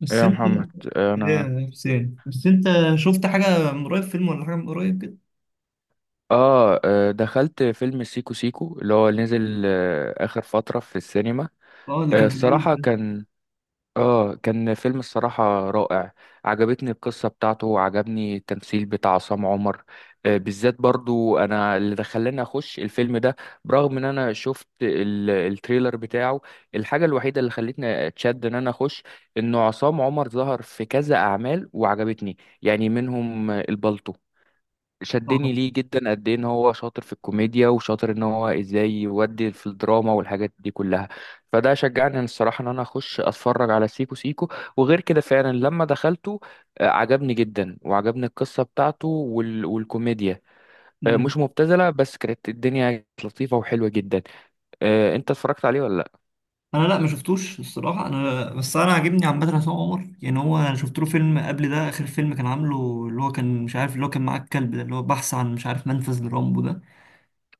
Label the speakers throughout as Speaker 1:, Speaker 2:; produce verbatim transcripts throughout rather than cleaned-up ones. Speaker 1: بس
Speaker 2: يا
Speaker 1: انت ايه
Speaker 2: محمد، انا
Speaker 1: يا حسين، بس انت شفت حاجة من قريب، فيلم ولا حاجة من قريب كده؟
Speaker 2: اه آه، دخلت فيلم سيكو سيكو اللي هو نزل آه، اخر فترة في السينما.
Speaker 1: اه، اللي
Speaker 2: آه،
Speaker 1: كان في العيد
Speaker 2: الصراحة
Speaker 1: ده.
Speaker 2: كان اه كان فيلم الصراحة رائع. عجبتني القصة بتاعته وعجبني التمثيل بتاع عصام عمر. آه، بالذات برضو انا اللي دخلني اخش الفيلم ده، برغم ان انا شفت ال- التريلر بتاعه. الحاجة الوحيدة اللي خلتني اتشد ان انا اخش، انه عصام عمر ظهر في كذا اعمال وعجبتني، يعني منهم آه، البلطو. شدني
Speaker 1: اه.
Speaker 2: ليه جدا قد ايه ان هو شاطر في الكوميديا وشاطر ان هو ازاي يودي في الدراما والحاجات دي كلها. فده شجعني أنا الصراحة ان انا اخش اتفرج على سيكو سيكو. وغير كده فعلا لما دخلته، آه، عجبني جدا وعجبني القصة بتاعته وال... والكوميديا. آه، مش
Speaker 1: مم.
Speaker 2: مبتذلة، بس كانت الدنيا كانت لطيفة وحلوة جدا. آه، انت اتفرجت عليه ولا لا؟
Speaker 1: انا، لا ما شفتوش الصراحة. انا بس انا عاجبني عامة عصام عمر. يعني هو انا شفت له فيلم قبل ده، اخر فيلم كان عامله، اللي هو كان مش عارف، اللي هو كان معاه الكلب ده، اللي هو بحث عن، مش عارف، منفذ لرامبو ده.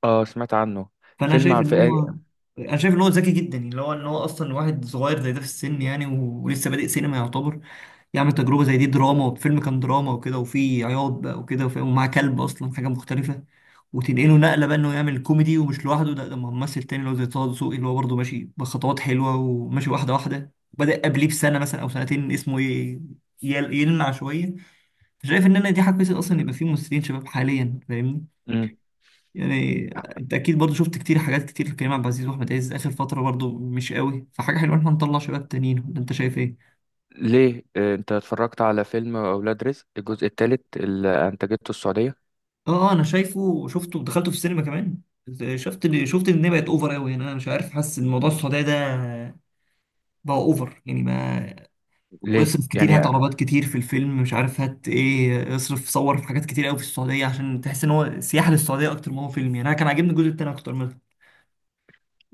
Speaker 2: اه، سمعت عنه.
Speaker 1: فانا
Speaker 2: فيلم
Speaker 1: شايف
Speaker 2: عن
Speaker 1: ان
Speaker 2: في.
Speaker 1: هو انا شايف ان هو ذكي جدا، يعني اللي هو ان هو اصلا واحد صغير زي ده في السن، يعني و- ولسه بادئ سينما يعتبر، يعمل تجربة زي دي، دراما، وفيلم كان دراما وكده وفيه عياط بقى وكده وفي- ومعاه كلب، أصلا حاجة مختلفة. وتنقله نقلة بقى إنه يعمل كوميدي، ومش لوحده، ده ده مع ممثل تاني اللي هو زي طه دسوقي، اللي هو برضه ماشي بخطوات حلوة وماشي واحدة واحدة، بدأ قبليه بسنة مثلا أو سنتين، اسمه ي- يل- يلمع شوية. فشايف إن أنا دي حاجة كويسة، أصلا يبقى في ممثلين شباب حاليا، فاهمني؟
Speaker 2: مم.
Speaker 1: يعني أنت أكيد برضه شفت كتير، حاجات كتير لكريم عبد العزيز وأحمد عز، آخر فترة برضه مش قوي، فحاجة حلوة إن إحنا نطلع شباب تانيين، ولا أنت شايف إيه؟
Speaker 2: ليه؟ آه، انت اتفرجت على فيلم اولاد رزق الجزء الثالث اللي انتجته السعودية؟
Speaker 1: اه، آه، انا شايفه، شفته ودخلته في السينما كمان. شفت اللي شفت، ان هي بقت اوفر قوي. يعني انا مش عارف، حاسس ان الموضوع السعوديه ده بقى اوفر، يعني ما
Speaker 2: ليه
Speaker 1: اصرف كتير،
Speaker 2: يعني؟
Speaker 1: هات عربات كتير في الفيلم، مش عارف هات ايه، اصرف صور في حاجات كتير قوي في السعوديه، عشان تحس ان هو سياحه للسعوديه اكتر ما هو فيلم. يعني انا كان عاجبني الجزء التاني اكتر منه.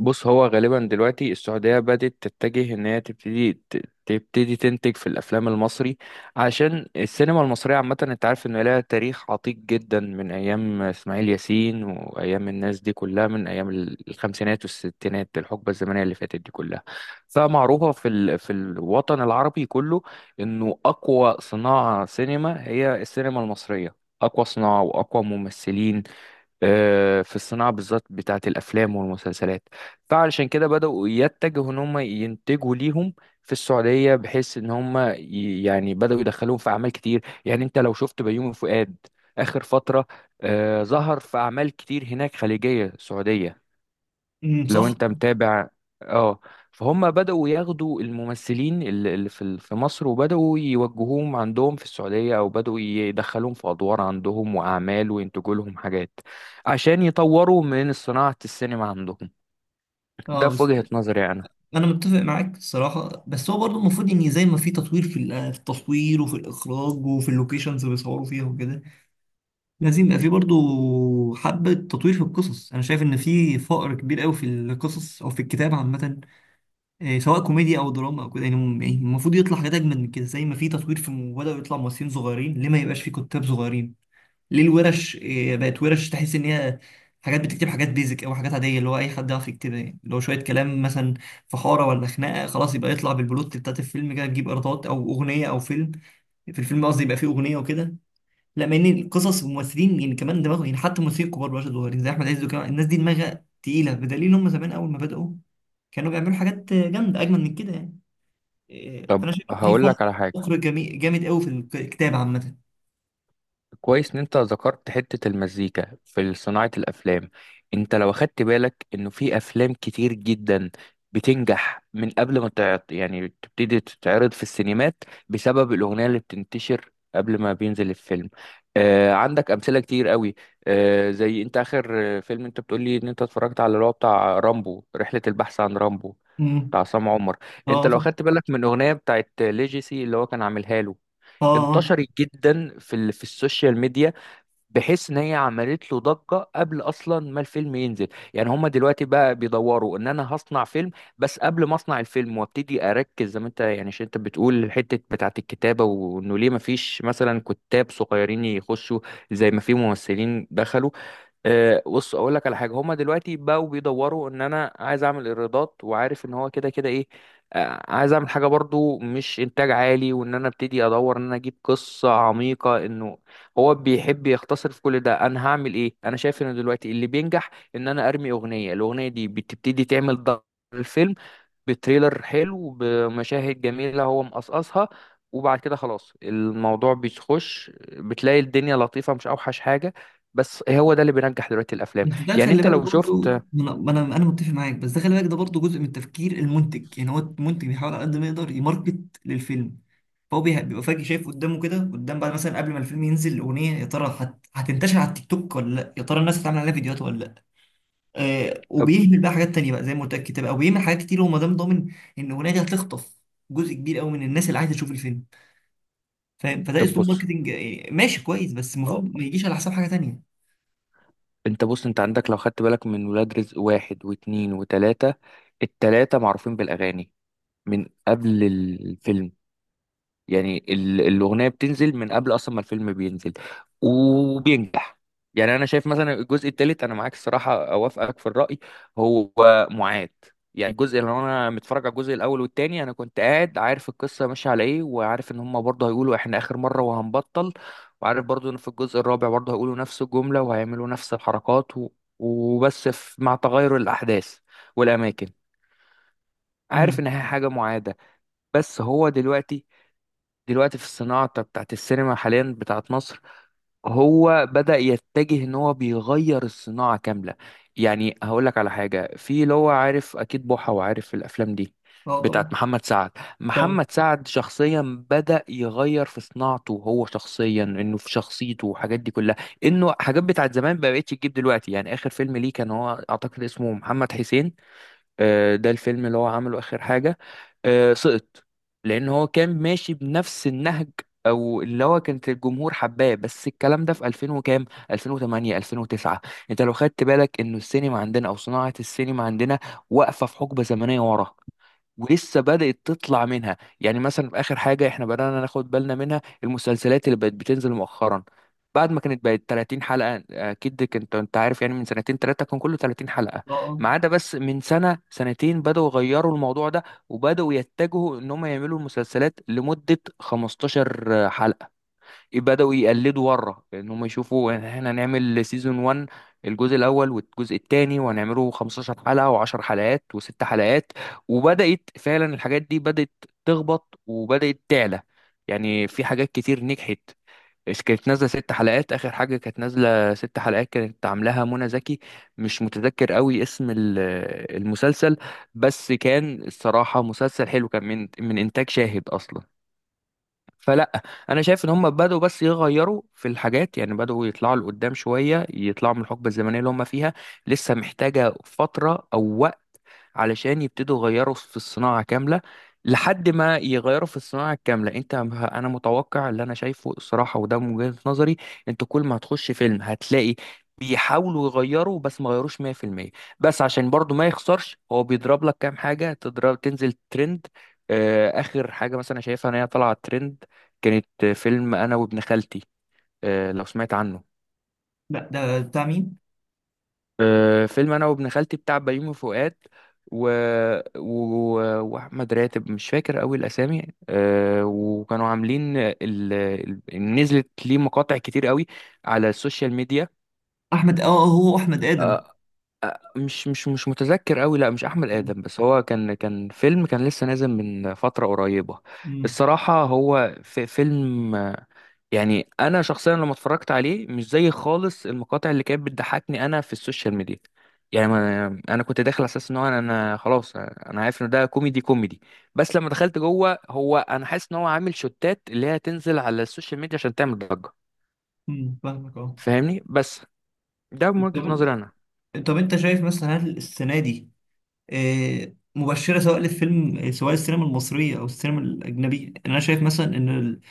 Speaker 2: بص، هو غالبا دلوقتي السعودية بدأت تتجه ان هي تبتدي ت- تبتدي تنتج في الافلام المصري، عشان السينما المصرية عامة انت عارف ان لها تاريخ عتيق جدا من ايام اسماعيل ياسين وايام الناس دي كلها من ايام ال- الخمسينات والستينات، الحقبة الزمنية اللي فاتت دي كلها. فمعروفة في ال... في الوطن العربي كله انه اقوى صناعة سينما هي السينما المصرية، اقوى صناعة واقوى ممثلين، آه، في الصناعة بالذات بتاعة الأفلام والمسلسلات. فعلشان كده بدأوا يتجهوا إن هم ينتجوا ليهم في السعودية، بحيث إن هم ي- يعني بدأوا يدخلوهم في أعمال كتير. يعني أنت لو شفت بيومي فؤاد آخر فترة، آه، ظهر في أعمال كتير هناك خليجية سعودية،
Speaker 1: امم
Speaker 2: لو
Speaker 1: صح.
Speaker 2: انت متابع. اه. فهم بدأوا ياخدوا الممثلين اللي اللي في ال- في مصر، وبدأوا يوجهوهم عندهم في السعودية او بدأوا يدخلوهم في ادوار عندهم واعمال وينتجوا لهم حاجات عشان يطوروا من صناعة السينما عندهم. ده
Speaker 1: اه،
Speaker 2: في
Speaker 1: بس
Speaker 2: وجهة نظري انا.
Speaker 1: انا متفق معاك الصراحه. بس هو برضه المفروض، ان زي ما في تطوير في ال- في التصوير وفي الاخراج وفي اللوكيشنز اللي بيصوروا فيها وكده، لازم يبقى في برضو حبة تطوير في القصص. أنا شايف إن في فقر كبير أوي في القصص أو في الكتاب عامة، إيه، سواء كوميديا أو دراما أو كده. يعني م- يعني المفروض يطلع حاجات أجمل من كده. زي ما في تطوير في م- بدأوا يطلع ممثلين صغيرين، ليه ما يبقاش في كتاب صغيرين؟ ليه الورش إيه، بقت ورش تحس إن هي حاجات بتكتب، حاجات بيزك أو حاجات عادية، اللي هو أي حد يعرف يكتبها. يعني اللي هو شوية كلام مثلا في حارة ولا خناقة، خلاص يبقى يطلع بالبلوت بتاعت الفيلم كده، تجيب إيرادات، أو أغنية أو فيلم، في الفيلم قصدي، يبقى فيه أغنية وكده. لا، مع ان القصص والممثلين يعني كمان دماغهم، يعني حتى الممثلين الكبار، مش صغيرين، زي احمد عز وكمان، الناس دي دماغها تقيله، بدليل ان هم زمان اول ما بداوا كانوا بيعملوا حاجات جامده، اجمل من كده يعني. إيه،
Speaker 2: طب
Speaker 1: فانا شايف إن في
Speaker 2: هقول
Speaker 1: فقر،
Speaker 2: لك على حاجة،
Speaker 1: فقر جميل جامد قوي في الكتاب عامه.
Speaker 2: كويس ان انت ذكرت حتة المزيكا في صناعة الافلام. انت لو اخدت بالك انه في افلام كتير جدا بتنجح من قبل ما تعرض، يعني تبتدي تتعرض في السينمات بسبب الاغنية اللي بتنتشر قبل ما بينزل الفيلم. آه عندك امثلة كتير قوي. آه زي انت اخر آه، فيلم انت بتقولي ان انت اتفرجت على اللي هو بتاع رامبو، رحلة البحث عن رامبو،
Speaker 1: امم.
Speaker 2: بتاع عصام عمر. انت
Speaker 1: اه
Speaker 2: لو
Speaker 1: طبعا.
Speaker 2: اخدت بالك من اغنية بتاعت ليجيسي اللي هو كان عاملها له،
Speaker 1: اه. آه.
Speaker 2: انتشرت جدا في ال- في السوشيال ميديا، بحيث ان هي عملت له ضجه قبل اصلا ما الفيلم ينزل. يعني هما دلوقتي بقى بيدوروا ان انا هصنع فيلم، بس قبل ما اصنع الفيلم وابتدي اركز زي ما انت يعني، عشان انت بتقول الحته بتاعه الكتابه وانه ليه ما فيش مثلا كتاب صغيرين يخشوا زي ما في ممثلين دخلوا. آه، بص اقول لك على حاجه، هما دلوقتي بقوا بيدوروا ان انا عايز اعمل ايرادات وعارف ان هو كده كده ايه، آه، عايز اعمل حاجه برضو مش انتاج عالي، وان انا ابتدي ادور ان انا اجيب قصه عميقه. انه هو بيحب يختصر في كل ده. انا هعمل ايه؟ انا شايف ان دلوقتي اللي بينجح ان انا ارمي اغنيه، الاغنيه دي بتبتدي تعمل ضجه في الفيلم، بتريلر حلو بمشاهد جميلة هو مقصقصها، وبعد كده خلاص الموضوع بيخش، بتلاقي الدنيا لطيفة، مش أوحش حاجة. بس هو ده اللي بينجح دلوقتي الأفلام.
Speaker 1: بس ده
Speaker 2: يعني
Speaker 1: خلي
Speaker 2: أنت
Speaker 1: بالك
Speaker 2: لو
Speaker 1: برضو،
Speaker 2: شفت.
Speaker 1: ما انا ما انا أنا متفق معاك. بس ده خلي بالك، ده برضو جزء من التفكير المنتج، يعني هو المنتج بيحاول على قد ما يقدر يماركت للفيلم. فهو بيه- بيبقى فجأة شايف قدامه كده، قدام بعد، مثلا قبل ما الفيلم ينزل الأغنية، يا ترى هت... هتنتشر على التيك توك ولا لا، يا ترى الناس هتعمل عليها فيديوهات ولا لا. آه،
Speaker 2: طب.
Speaker 1: وبيهمل بقى حاجات تانية بقى، زي ما قلت لك، كتاب، أو بيهمل حاجات كتير، هو ما دام ضامن إن الأغنية دي هتخطف جزء كبير قوي من الناس اللي عايزة تشوف الفيلم، فاهم؟ فده
Speaker 2: طب
Speaker 1: أسلوب
Speaker 2: بص.
Speaker 1: ماركتينج، آه، ماشي كويس، بس
Speaker 2: اه.
Speaker 1: المفروض ما يجيش على حساب حاجة تانية.
Speaker 2: أنت بص، أنت عندك لو خدت بالك من ولاد رزق واحد واتنين وتلاتة، التلاتة معروفين بالأغاني من قبل الفيلم، يعني ال- الأغنية بتنزل من قبل أصلا ما الفيلم بينزل، وبينجح. يعني أنا شايف مثلا الجزء التالت، أنا معاك الصراحة، أوافقك في الرأي، هو معاد. يعني الجزء اللي أنا متفرج على الجزء الأول والتاني أنا كنت قاعد عارف القصة ماشية على إيه، وعارف إن هما برضه هيقولوا إحنا آخر مرة وهنبطل، وعارف برضه إن في الجزء الرابع برضه هيقولوا نفس الجملة وهيعملوا نفس الحركات و... وبس في... مع تغير الأحداث والأماكن. عارف
Speaker 1: امم.
Speaker 2: إن هي حاجة معادة. بس هو دلوقتي دلوقتي في الصناعة بتاعت السينما حاليا بتاعت مصر، هو بدأ يتجه ان هو بيغير الصناعة كاملة. يعني هقول لك على حاجة، في اللي هو عارف اكيد بوحة وعارف الافلام دي
Speaker 1: اه
Speaker 2: بتاعت
Speaker 1: طبعا
Speaker 2: محمد سعد.
Speaker 1: طبعا.
Speaker 2: محمد سعد شخصيا بدأ يغير في صناعته هو شخصيا، انه في شخصيته والحاجات دي كلها، انه حاجات بتاعت زمان ما بقتش تجيب دلوقتي. يعني اخر فيلم ليه كان، هو اعتقد اسمه محمد حسين، آه، ده الفيلم اللي هو عمله آخر حاجة، آه، سقط، لأن هو كان ماشي بنفس النهج، أو اللي هو كانت الجمهور حباه. بس الكلام ده في ألفين وكام، ألفين وثمانية، ألفين وتسعة. أنت لو خدت بالك إنه السينما عندنا أو صناعة السينما عندنا واقفة في حقبة زمنية ورا، ولسه بدأت تطلع منها. يعني مثلا في آخر حاجة احنا بدأنا ناخد بالنا منها المسلسلات اللي بقت بتنزل مؤخرا، بعد ما كانت بقت 30 حلقة. أكيد كنت أنت عارف يعني من سنتين ثلاثة كان كله 30 حلقة،
Speaker 1: اه. آه.
Speaker 2: ما عدا بس من سنة سنتين بدأوا يغيروا الموضوع ده، وبدأوا يتجهوا إن هم يعملوا المسلسلات لمدة 15 حلقة. بدأوا يقلدوا ورا، ان هم يشوفوا إن احنا هنعمل سيزون واحد، الجزء الاول والجزء الثاني، وهنعمله 15 حلقة و10 حلقات وست حلقات. وبدأت فعلا الحاجات دي بدأت تخبط وبدأت تعلى. يعني في حاجات كتير نجحت. إس- كانت نازلة ست حلقات، آخر حاجة كانت نازلة ست حلقات كانت عاملاها منى زكي، مش متذكر قوي اسم ال- المسلسل، بس كان الصراحة مسلسل حلو، كان من من إنتاج شاهد أصلا. فلا، انا شايف ان هم بدأوا بس يغيروا في الحاجات، يعني بدأوا يطلعوا لقدام شويه، يطلعوا من الحقبه الزمنيه اللي هم فيها، لسه محتاجه فتره او علشان يبتدوا يغيروا في الصناعة كاملة. لحد ما يغيروا في الصناعة الكاملة، انت انا متوقع اللي انا شايفه الصراحة، وده من وجهة نظري، انت كل ما هتخش فيلم هتلاقي بيحاولوا يغيروا، بس ما غيروش ميه في الميه. بس عشان برضو ما يخسرش هو بيضرب لك كام حاجة تضرب تنزل ترند. آه، اخر حاجة مثلا شايفها ان هي طلعت ترند، كانت آه، فيلم انا وابن خالتي. آه، لو سمعت عنه.
Speaker 1: لا، ده بتاع مين؟
Speaker 2: آه، فيلم انا وابن خالتي بتاع بيومي فؤاد و... و... واحمد راتب، مش فاكر قوي الاسامي. أه، وكانوا عاملين ال... ال- نزلت ليه مقاطع كتير قوي على السوشيال ميديا.
Speaker 1: أحمد، اه، آه، هو أحمد آدم.
Speaker 2: أه. آه، مش مش مش متذكر قوي، لا مش احمد ادم، بس هو كان كان فيلم كان لسه نازل من فترة قريبة.
Speaker 1: امم.
Speaker 2: الصراحة هو في فيلم، يعني انا شخصيا لما اتفرجت عليه مش زي خالص المقاطع اللي كانت بتضحكني انا في السوشيال ميديا، يعني ما- انا كنت داخل على اساس ان هو انا أنا خلاص انا عارف ان ده كوميدي كوميدي، بس لما دخلت جوه هو انا حاسس ان هو عامل شوتات اللي هي تنزل على السوشيال ميديا عشان تعمل ضجة.
Speaker 1: امم، فاهمك. اه.
Speaker 2: فاهمني؟ بس ده من وجهة
Speaker 1: طب،
Speaker 2: نظري انا.
Speaker 1: طب أنت شايف مثلا، هل السنة دي آه، مبشره سواء للفيلم، آه، سواء السينما المصريه او السينما الاجنبيه. يعني انا شايف مثلا ان ال-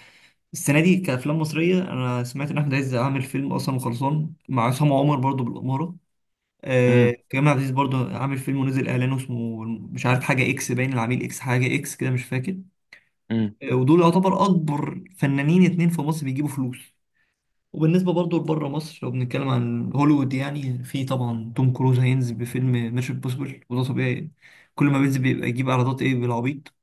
Speaker 1: السنه دي كافلام مصريه، انا سمعت ان احمد عز عامل فيلم اصلا وخلصان مع عصام عمر برضو بالاماره. آه،
Speaker 2: امم
Speaker 1: كريم عبد العزيز برضو عامل فيلم ونزل اعلانه، اسمه مش عارف، حاجه اكس باين، العميل اكس، حاجه اكس كده، مش فاكر.
Speaker 2: امم
Speaker 1: آه، ودول يعتبر اكبر فنانين اتنين في مصر بيجيبوا فلوس. وبالنسبة برضو لبره مصر، لو بنتكلم عن هوليوود، يعني في طبعا توم كروز هينزل بفيلم ميشن امبوسيبل، وده طبيعي يعني. كل ما بينزل بيبقى يجيب ايرادات ايه بالعبيط.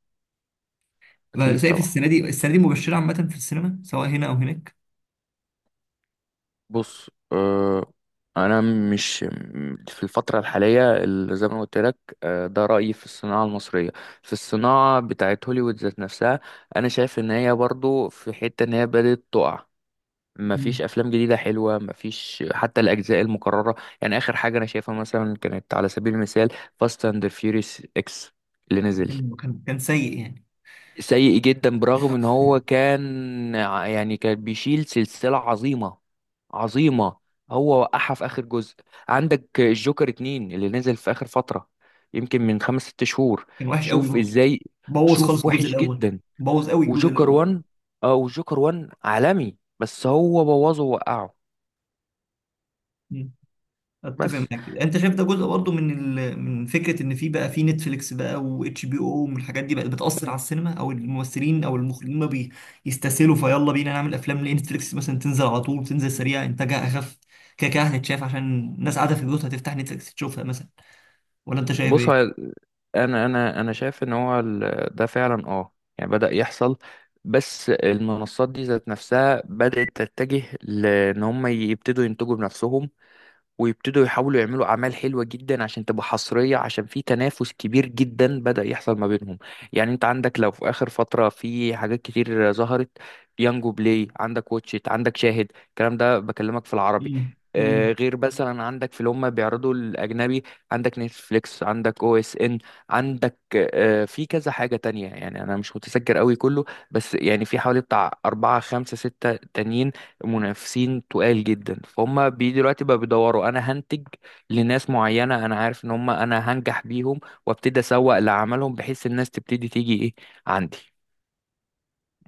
Speaker 2: اكيد
Speaker 1: فشايف
Speaker 2: طبعا.
Speaker 1: السنة دي السنة دي مبشرة عامة في السينما، سواء هنا أو هناك.
Speaker 2: بص. آه انا مش م- في الفتره الحاليه اللي زي ما قلت لك، آه ده رايي في الصناعه المصريه. في الصناعه بتاعت هوليوود ذات نفسها، انا شايف ان هي برضو في حته ان هي بدات تقع.
Speaker 1: مم.
Speaker 2: مفيش افلام جديده حلوه، مفيش حتى الاجزاء المكرره. يعني اخر حاجه انا شايفها مثلا كانت على سبيل المثال فاست اند فيوريس اكس اللي نزل،
Speaker 1: كان كان كان سيء يعني.
Speaker 2: سيء جدا، برغم ان هو كان ع- يعني كان بيشيل سلسلة عظيمة عظيمة، هو وقعها في اخر جزء. عندك الجوكر اتنين اللي نزل في اخر فترة، يمكن من خمس ست شهور.
Speaker 1: كان وحش قوي
Speaker 2: شوف
Speaker 1: برضه.
Speaker 2: ازاي،
Speaker 1: بوظ خالص
Speaker 2: شوف
Speaker 1: الجزء
Speaker 2: وحش
Speaker 1: الأول.
Speaker 2: جدا.
Speaker 1: بوظ قوي الجزء
Speaker 2: وجوكر
Speaker 1: الأول.
Speaker 2: وان. اه، وجوكر وان عالمي، بس هو بوظه ووقعه.
Speaker 1: اتفق
Speaker 2: بس
Speaker 1: معاك. انت شايف ده جزء برضه من ال... من فكره ان في بقى في نتفليكس بقى، واتش بي او، والحاجات دي بقت بتاثر على السينما او الممثلين او المخرجين، ما بيستسهلوا، فيلا بينا نعمل افلام ليه نتفليكس، مثلا تنزل على طول، تنزل سريع، انتاجها اخف، كده كده هتتشاف، عشان الناس قاعده في بيوتها هتفتح نتفليكس تشوفها مثلا. ولا انت شايف
Speaker 2: بص،
Speaker 1: ايه؟
Speaker 2: هو انا انا انا شايف ان هو ال- ده فعلا اه يعني بدأ يحصل، بس المنصات دي ذات نفسها بدأت تتجه لان هم يبتدوا ينتجوا بنفسهم، ويبتدوا يحاولوا يعملوا أعمال حلوة جدا عشان تبقى حصرية، عشان في تنافس كبير جدا بدأ يحصل ما بينهم. يعني انت عندك لو في آخر فترة في حاجات كتير ظهرت، يانجو بلاي عندك، واتشيت عندك، شاهد، الكلام ده بكلمك في العربي،
Speaker 1: مم. مم.
Speaker 2: آه، غير مثلا عندك في اللي هم بيعرضوا الاجنبي، عندك نتفليكس، عندك او اس ان، عندك آه، في كذا حاجه تانية. يعني انا مش متذكر قوي كله، بس يعني في حوالي بتاع اربعه خمسه سته تانيين، منافسين تقال جدا. فهم بي دلوقتي بقى بيدوروا، انا هنتج لناس معينه انا عارف ان هم انا هنجح بيهم، وابتدي اسوق لعملهم بحيث الناس تبتدي تيجي ايه عندي.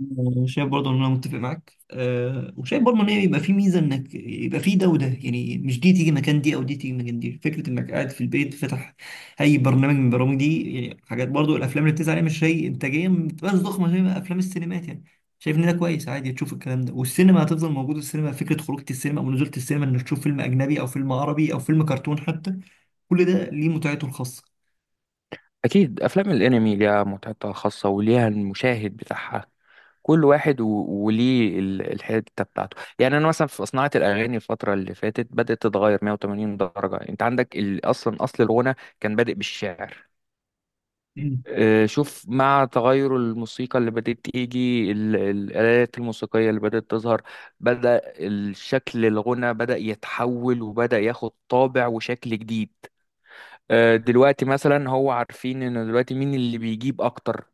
Speaker 1: آه، شايف برضه ان انا متفق معاك، أه، وشايف برضه ان هي يبقى في ميزه، انك يبقى في ده وده، يعني مش دي تيجي مكان دي او دي تيجي مكان دي، فكره انك قاعد في البيت فاتح اي برنامج من البرامج دي. يعني حاجات برضه، الافلام اللي بتنزل عليها مش هي انتاجيا بتبقى ضخمه زي ما افلام السينمات يعني. شايف ان ده كويس، عادي تشوف الكلام ده، والسينما هتفضل موجوده، السينما فكره خروجه السينما او نزوله السينما، انك تشوف فيلم اجنبي او فيلم عربي او فيلم كرتون حتى، كل ده ليه متعته الخاصه.
Speaker 2: اكيد افلام الانمي ليها متعتها الخاصه وليها المشاهد بتاعها. كل واحد و... وليه ال- الحته بتاعته. يعني انا مثلا في صناعه الاغاني الفتره اللي فاتت بدات تتغير 180 درجه. انت عندك ال... اصلا اصل الغنى كان بادئ بالشعر. آه، شوف، مع تغير الموسيقى اللي بدأت تيجي ال- ال- الآلات الموسيقية اللي بدأت تظهر، بدأ الشكل الغنى بدأ يتحول وبدأ ياخد طابع وشكل جديد. آه، دلوقتي مثلا هو عارفين ان دلوقتي مين اللي بيجيب اكتر،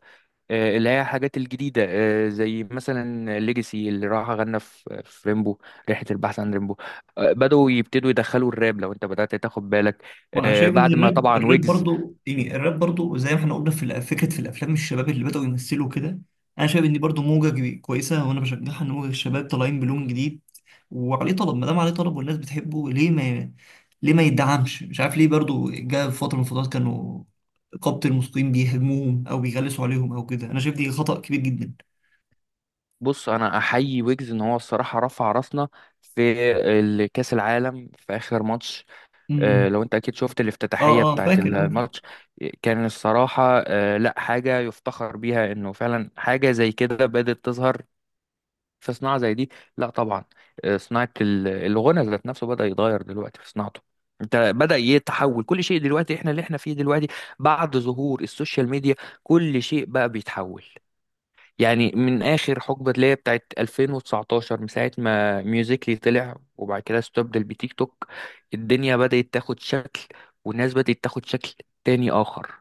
Speaker 2: آه، اللي هي الحاجات الجديدة، آه، زي مثلا ليجاسي اللي راح غنى في في ريمبو، رحلة البحث عن ريمبو. آه، بدأوا يبتدوا يدخلوا الراب لو انت بدأت تاخد بالك،
Speaker 1: وانا
Speaker 2: آه،
Speaker 1: شايف ان
Speaker 2: بعد ما
Speaker 1: الراب،
Speaker 2: طبعا
Speaker 1: الراب
Speaker 2: ويجز.
Speaker 1: برضو، يعني الراب برضو زي ما احنا قلنا في الأ- فكره في الافلام، الشباب اللي بداوا يمثلوا كده، انا شايف ان دي برضو موجه جي- كويسه، وانا بشجعها، ان موجه الشباب طالعين بلون جديد، وعليه طلب. ما دام عليه طلب والناس بتحبه، ليه ما ليه ما يدعمش؟ مش عارف ليه برضو، جاء في فتره من الفترات كانوا قبط الموسيقيين بيهاجموهم او بيغلسوا عليهم او كده، انا شايف دي خطأ كبير جدا.
Speaker 2: بص، انا احيي ويجز ان هو الصراحه رفع راسنا في ال- كاس العالم في اخر ماتش. آه،
Speaker 1: امم.
Speaker 2: لو انت اكيد شفت
Speaker 1: اه.
Speaker 2: الافتتاحيه
Speaker 1: اه
Speaker 2: بتاعت
Speaker 1: فاكر، اه.
Speaker 2: الماتش، كان الصراحه آه، لا حاجه يفتخر بيها، انه فعلا حاجه زي كده بدات تظهر في صناعه زي دي. لا طبعا. آه، صناعه ال- الغنى ذات نفسه بدا يتغير دلوقتي في صناعته. انت بدا يتحول كل شيء دلوقتي، احنا اللي احنا فيه دلوقتي بعد ظهور السوشيال ميديا كل شيء بقى بيتحول. يعني من اخر حقبه ليا بتاعت ألفين وتسعتاشر، من ساعه ما ميوزيكلي طلع وبعد كده استبدل بتيك توك، الدنيا بدات تاخد شكل، والناس بدات تاخد شكل تاني اخر.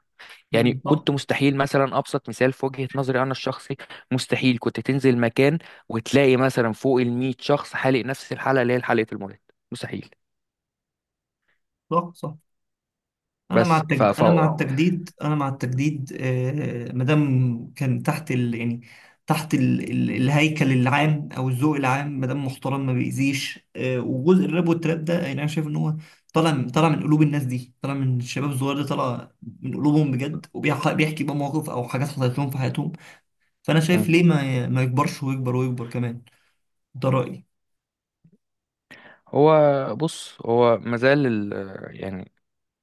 Speaker 2: يعني
Speaker 1: مم. صح
Speaker 2: كنت مستحيل، مثلا ابسط مثال في وجهه نظري انا الشخصي، مستحيل كنت تنزل مكان وتلاقي مثلا فوق ال 100 شخص حالق نفس الحلقه اللي هي حلقه المولد. مستحيل.
Speaker 1: صح. صح. انا مع
Speaker 2: بس ف...
Speaker 1: التجديد،
Speaker 2: ف...
Speaker 1: انا مع التجديد، انا مع التجديد، آه، ما دام كان تحت ال... يعني تحت ال... ال... الهيكل العام او الذوق العام، ما دام محترم ما بيأذيش. آه، وجزء الراب والتراب ده، يعني انا شايف ان هو طالع، طالع من قلوب الناس دي، طالع من الشباب الصغير ده، طالع من قلوبهم بجد، وبيحكي بقى مواقف او حاجات حصلت لهم في حياتهم. فانا شايف
Speaker 2: مم.
Speaker 1: ليه ما ما يكبرش، ويكبر ويكبر كمان. ده رأيي.
Speaker 2: هو بص، هو مازال ال- يعني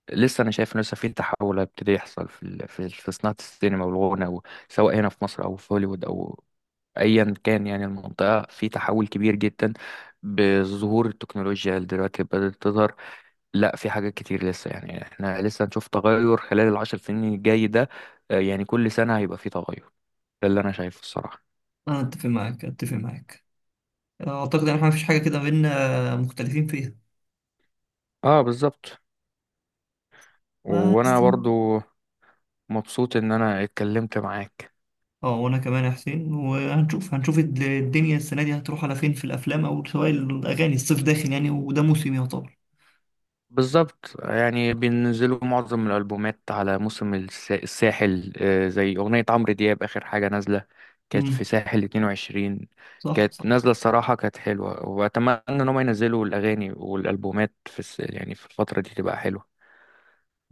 Speaker 2: لسه انا شايف انه لسه في تحول هيبتدي يحصل في ال- في في صناعه السينما والغنى و- سواء هنا في مصر او في هوليوود او ايا كان. يعني المنطقه في تحول كبير جدا بظهور التكنولوجيا اللي دلوقتي بدات تظهر. لا، في حاجات كتير لسه. يعني احنا لسه هنشوف تغير خلال العشر سنين الجاي ده، آه، يعني كل سنه هيبقى في تغير. ده اللي انا شايفه الصراحه.
Speaker 1: انا اتفق معاك، اتفق معاك، اعتقد ان احنا مفيش حاجه كده بينا مختلفين فيها.
Speaker 2: اه، بالظبط.
Speaker 1: بس،
Speaker 2: وانا برضو مبسوط ان انا اتكلمت معاك.
Speaker 1: اه، وانا كمان يا حسين. وهنشوف، هنشوف الد- الدنيا السنه دي هتروح على فين، في الافلام او سواء الاغاني، الصيف داخل يعني، وده موسم يعتبر.
Speaker 2: بالظبط، يعني بينزلوا معظم الألبومات على موسم الس- الساحل. آه، زي أغنية عمرو دياب آخر حاجة نازلة، كانت
Speaker 1: امم.
Speaker 2: في ساحل اتنين وعشرين.
Speaker 1: صح
Speaker 2: كانت
Speaker 1: صح.
Speaker 2: نازلة الصراحة، كانت حلوة، وأتمنى إن هم ينزلوا الأغاني والألبومات في الس... يعني في الفترة دي تبقى حلوة.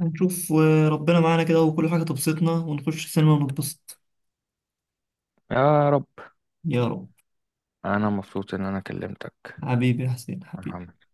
Speaker 1: هنشوف، آه، ربنا معانا كده وكل حاجه تبسطنا ونخش السينما ونتبسط.
Speaker 2: يا رب.
Speaker 1: يا رب.
Speaker 2: أنا مبسوط إن أنا كلمتك
Speaker 1: حبيبي يا حسين،
Speaker 2: يا
Speaker 1: حبيبي.
Speaker 2: محمد.